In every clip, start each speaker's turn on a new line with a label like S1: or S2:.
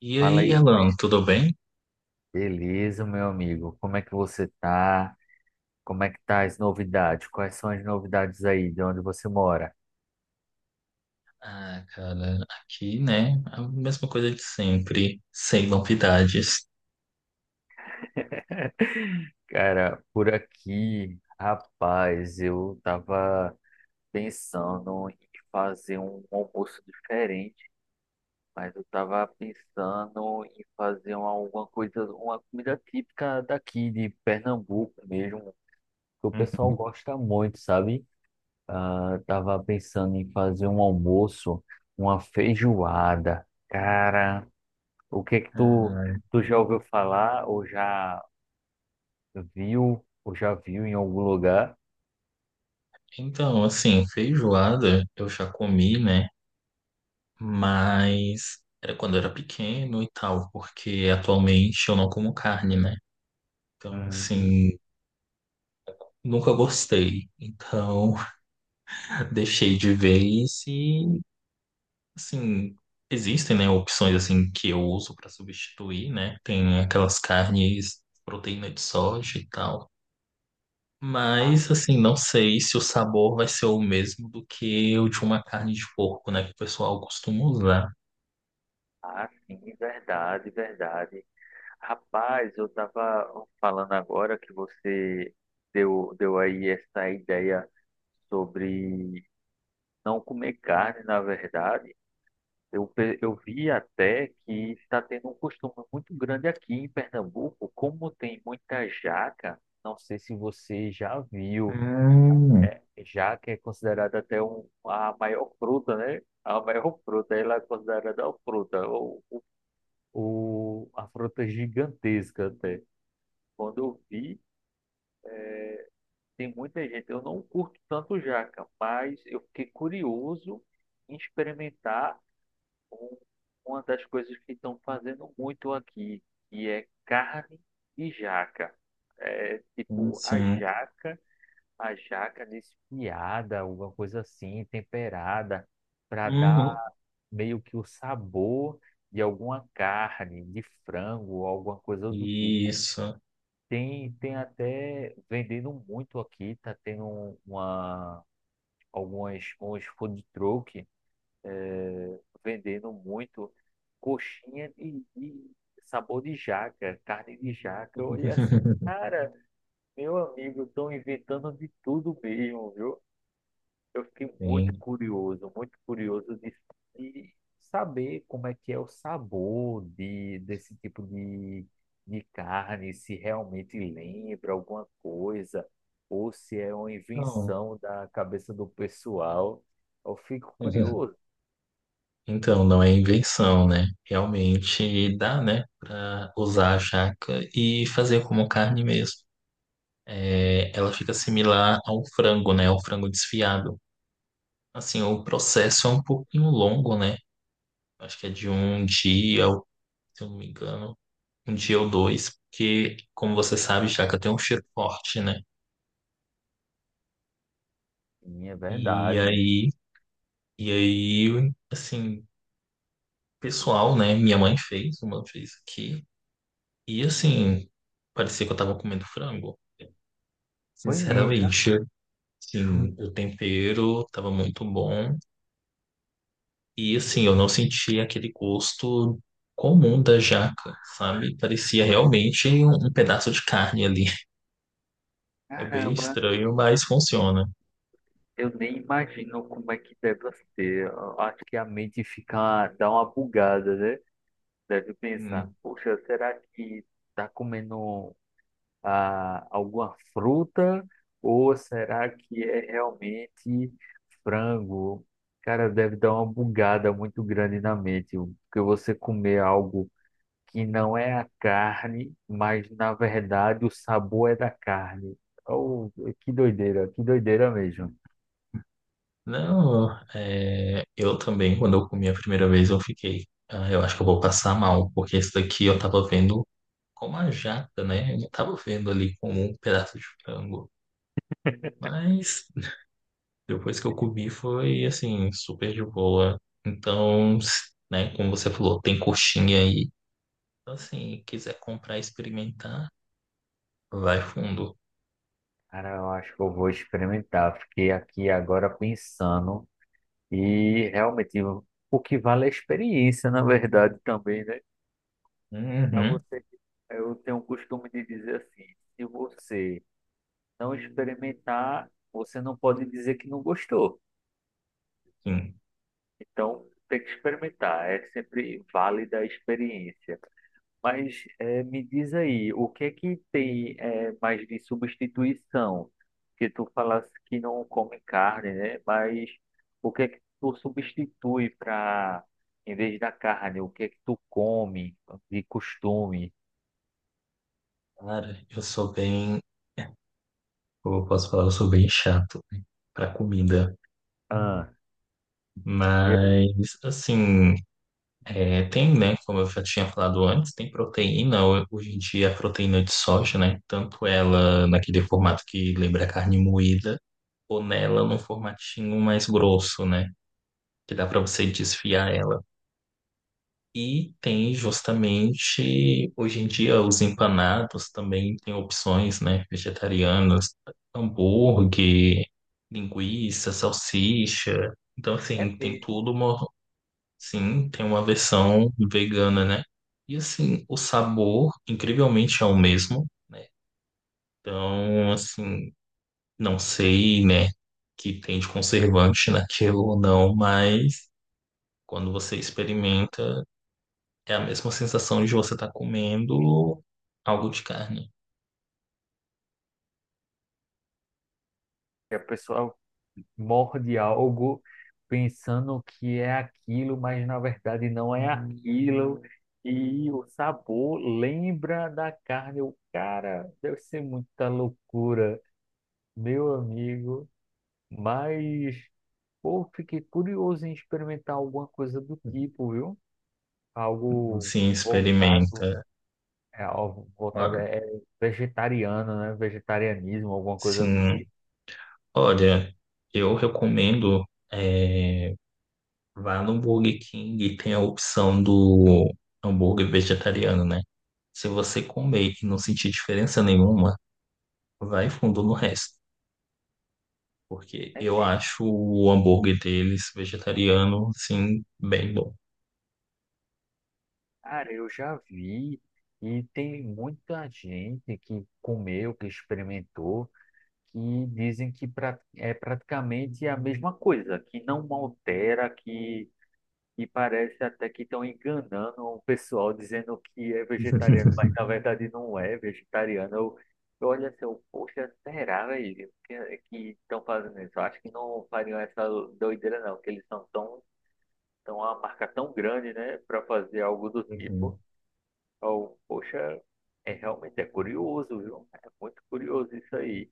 S1: E
S2: Fala
S1: aí,
S2: aí,
S1: Alan, tudo bem?
S2: beleza, meu amigo? Como é que você tá? Como é que tá as novidades? Quais são as novidades aí de onde você mora?
S1: Ah, cara, aqui, né? A mesma coisa de sempre, sem novidades.
S2: Cara, por aqui, rapaz, eu tava pensando em fazer um almoço diferente, mas eu tava pensando em fazer alguma coisa, uma comida típica daqui de Pernambuco mesmo, que o pessoal
S1: Uhum.
S2: gosta muito, sabe? Ah, tava pensando em fazer um almoço, uma feijoada. Cara, o que que tu,
S1: Ah,
S2: tu já ouviu falar ou já viu em algum lugar?
S1: então, assim, feijoada eu já comi, né? Mas era quando eu era pequeno e tal, porque atualmente eu não como carne, né? Então,
S2: Uhum.
S1: assim, nunca gostei. Então, deixei de vez e assim, existem, né, opções assim que eu uso para substituir, né? Tem aquelas carnes, proteína de soja e tal.
S2: Ah,
S1: Mas assim, não sei se o sabor vai ser o mesmo do que o de uma carne de porco, né, que o pessoal costuma usar.
S2: ah, sim, verdade, verdade. Rapaz, eu tava falando agora que você deu aí essa ideia sobre não comer carne, na verdade. Eu, eu vi até que está tendo um costume muito grande aqui em Pernambuco, como tem muita jaca, não sei se você já viu.
S1: Hum,
S2: Jaca é considerada até um, a maior fruta, né? A maior fruta, ela é considerada a fruta, a fruta gigantesca até. Quando eu vi, tem muita gente, eu não curto tanto jaca, mas eu fiquei curioso em experimentar um- uma das coisas que estão fazendo muito aqui, que é carne e jaca. É
S1: sim.
S2: tipo
S1: Sim.
S2: a jaca desfiada, alguma coisa assim, temperada, para dar
S1: Uhum.
S2: meio que o sabor de alguma carne, de frango, alguma coisa do tipo.
S1: Isso.
S2: Tem, tem até vendendo muito aqui, tá tendo uma, algumas, uns food truck vendendo muito coxinha de sabor de jaca, carne de jaca. Eu olhei assim, cara, meu amigo, estão inventando de tudo mesmo, viu? Eu fiquei
S1: Sim.
S2: muito curioso de saber como é que é o sabor de, desse tipo de carne, se realmente lembra alguma coisa, ou se é uma
S1: Então,
S2: invenção da cabeça do pessoal. Eu fico curioso.
S1: então, não é invenção, né? Realmente dá, né, para usar a jaca e fazer como carne mesmo. É, ela fica similar ao frango, né? Ao frango desfiado. Assim, o processo é um pouquinho longo, né? Acho que é de um dia, ou- se eu não me engano, um dia ou dois, porque, como você sabe, jaca tem um cheiro forte, né?
S2: Sim, é
S1: E
S2: verdade.
S1: aí, e aí, assim, pessoal, né? Minha mãe fez, uma fez aqui. E assim, parecia que eu tava comendo frango.
S2: Foi mesmo.
S1: Sinceramente, assim, o tempero tava muito bom. E assim, eu não senti aquele gosto comum da jaca, sabe? Parecia realmente um pedaço de carne ali. É bem
S2: Caramba,
S1: estranho, mas funciona.
S2: eu nem imagino como é que deve ser. Eu acho que a mente fica, dá uma bugada, né? Deve pensar,
S1: Hum,
S2: poxa, será que tá comendo ah, alguma fruta? Ou será que é realmente frango? Cara, deve dar uma bugada muito grande na mente, porque você comer algo que não é a carne, mas na verdade o sabor é da carne. Oh, que doideira mesmo.
S1: Não, é, eu também, quando eu comi a primeira vez, eu fiquei. "Ah, eu acho que eu vou passar mal, porque esse daqui eu tava vendo como a jaca, né? Eu não tava vendo ali como um pedaço de frango. Mas depois que eu comi, foi assim, super de boa. Então, né, como você falou, tem coxinha aí. Então, assim, quiser comprar e experimentar, vai fundo.
S2: Cara, eu acho que eu vou experimentar. Fiquei aqui agora pensando e realmente o que vale é a experiência, na verdade, também, né? Pra
S1: Uhum,
S2: você, eu tenho o costume de dizer assim, se você não experimentar, você não pode dizer que não gostou.
S1: sim.
S2: Então, tem que experimentar. É sempre válida a experiência. Mas me diz aí, o que é que tem mais de substituição? Que tu falasse que não come carne, né? Mas o que é que tu substitui para, em vez da carne, o que é que tu come de costume?
S1: Cara, eu sou bem, eu posso falar, eu sou bem chato para comida.
S2: Ah, e
S1: Mas, assim, é, tem, né? Como eu já tinha falado antes, tem proteína. Hoje em dia, a proteína de soja, né? Tanto ela naquele formato que lembra carne moída, ou nela num formatinho mais grosso, né? Que dá para você desfiar ela. E tem justamente, hoje em dia, os empanados também têm opções, né, vegetarianas, hambúrguer, linguiça, salsicha. Então,
S2: é
S1: assim, tem
S2: mesmo.
S1: tudo uma, sim, tem uma versão vegana, né? E, assim, o sabor, incrivelmente, é o mesmo, né? Então, assim, não sei, né, que tem de conservante naquilo ou não, mas quando você experimenta, é a mesma sensação de você estar comendo algo de carne.
S2: E a pessoa morde algo pensando que é aquilo, mas na verdade não é aquilo. E o sabor lembra da carne. O cara deve ser muita loucura, meu amigo. Mas, pô, fiquei curioso em experimentar alguma coisa do tipo, viu? Algo
S1: Sim,
S2: voltado,
S1: experimenta.
S2: é, algo voltado
S1: Olha,
S2: é vegetariano, né? Vegetarianismo, alguma coisa do
S1: sim,
S2: tipo.
S1: olha, eu recomendo é, vá no Burger King e tem a opção do hambúrguer vegetariano, né? Se você comer e não sentir diferença nenhuma, vai fundo no resto, porque eu
S2: É.
S1: acho o hambúrguer deles vegetariano, sim, bem bom.
S2: Cara, eu já vi e tem muita gente que comeu, que experimentou, que dizem que é praticamente a mesma coisa, que não altera, que parece até que estão enganando o pessoal dizendo que é vegetariano, mas na verdade não é vegetariano. Eu olho assim, eu, poxa, será, velho, que é, que estão fazendo isso? Eu acho que não fariam essa doideira não, que eles são tão, tão uma marca tão grande, né, para fazer algo do
S1: Uhum.
S2: tipo. Oh, poxa, é realmente é curioso, viu? É muito curioso isso aí.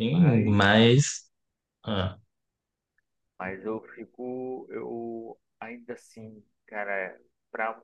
S1: Sim,
S2: Mas,
S1: mas ah,
S2: mas eu fico, eu ainda assim, cara, para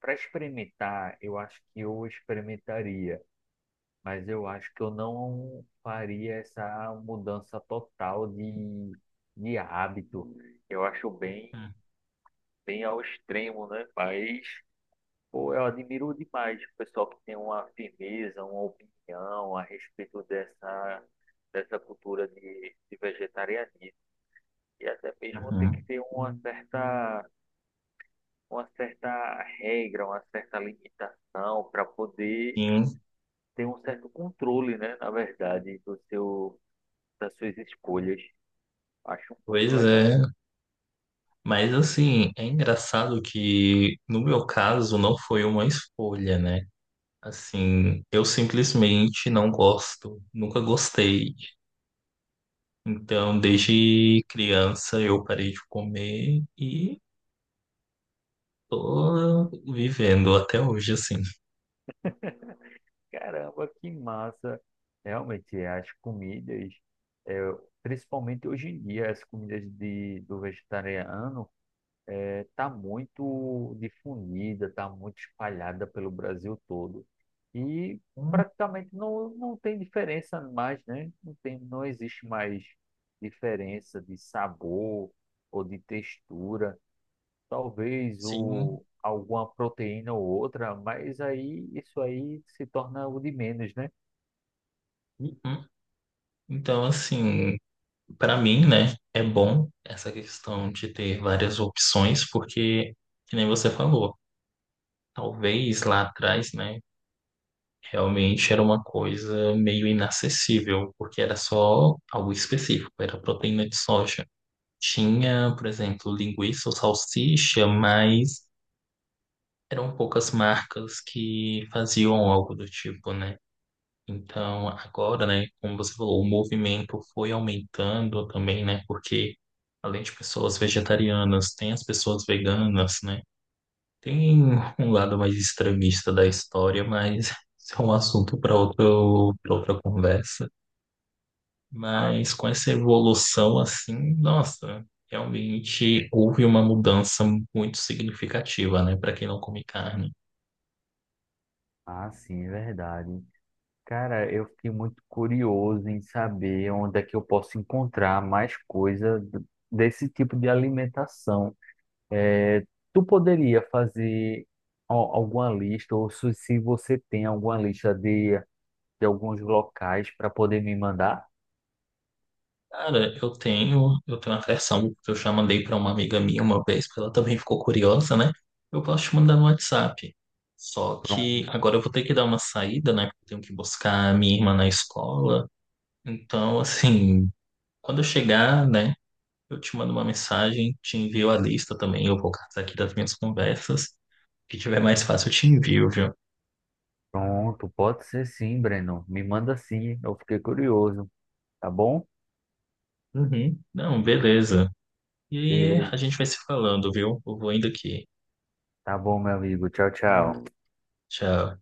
S2: para experimentar, eu acho que eu experimentaria, mas eu acho que eu não faria essa mudança total de hábito. Eu acho bem, bem ao extremo, né? Mas pô, eu admiro demais o pessoal que tem uma firmeza, uma opinião a respeito dessa, dessa cultura de vegetarianismo. E até mesmo tem que
S1: uhum.
S2: ter uma certa regra, uma certa limitação para poder
S1: Sim,
S2: ter um certo controle, né, na verdade, do seu, das suas escolhas. Acho
S1: pois
S2: muito legal.
S1: é, mas assim, é engraçado que no meu caso não foi uma escolha, né? Assim, eu simplesmente não gosto, nunca gostei. Então, desde criança eu parei de comer e tô vivendo até hoje assim.
S2: Caramba, que massa! Realmente, é, as comidas, é, principalmente hoje em dia, as comidas de, do vegetariano é, tá muito difundida, tá muito espalhada pelo Brasil todo. E praticamente não, não tem diferença mais, né? Não tem, não existe mais diferença de sabor ou de textura. Talvez
S1: Sim.
S2: o, alguma proteína ou outra, mas aí isso aí se torna o de menos, né?
S1: Uhum. Então, assim, para mim, né, é bom essa questão de ter várias opções, porque, que nem você falou, talvez lá atrás, né? Realmente era uma coisa meio inacessível, porque era só algo específico, era proteína de soja. Tinha, por exemplo, linguiça ou salsicha, mas eram poucas marcas que faziam algo do tipo, né? Então, agora, né, como você falou, o movimento foi aumentando também, né? Porque além de pessoas vegetarianas, tem as pessoas veganas, né? Tem um lado mais extremista da história, mas isso é um assunto para outro, para outra conversa.
S2: Ah,
S1: Mas com essa evolução, assim, nossa, realmente houve uma mudança muito significativa, né, para quem não come carne.
S2: ah, sim, é verdade. Cara, eu fiquei muito curioso em saber onde é que eu posso encontrar mais coisa desse tipo de alimentação. É, tu poderia fazer alguma lista, ou se se você tem alguma lista de alguns locais para poder me mandar?
S1: Cara, eu tenho uma versão que eu já mandei para uma amiga minha uma vez, porque ela também ficou curiosa, né? Eu posso te mandar no WhatsApp. Só que
S2: Pronto,
S1: agora eu vou ter que dar uma saída, né? Porque eu tenho que buscar a minha irmã na escola. Então, assim, quando eu chegar, né, eu te mando uma mensagem, te envio a lista também, eu vou catar aqui das minhas conversas. O que tiver mais fácil, eu te envio, viu?
S2: pronto, pode ser sim, Breno. Me manda sim, eu fiquei curioso, tá bom?
S1: Uhum. Não, beleza. E aí,
S2: Beleza,
S1: a gente vai se falando, viu? Eu vou indo aqui.
S2: tá bom, meu amigo. Tchau, tchau.
S1: Tchau.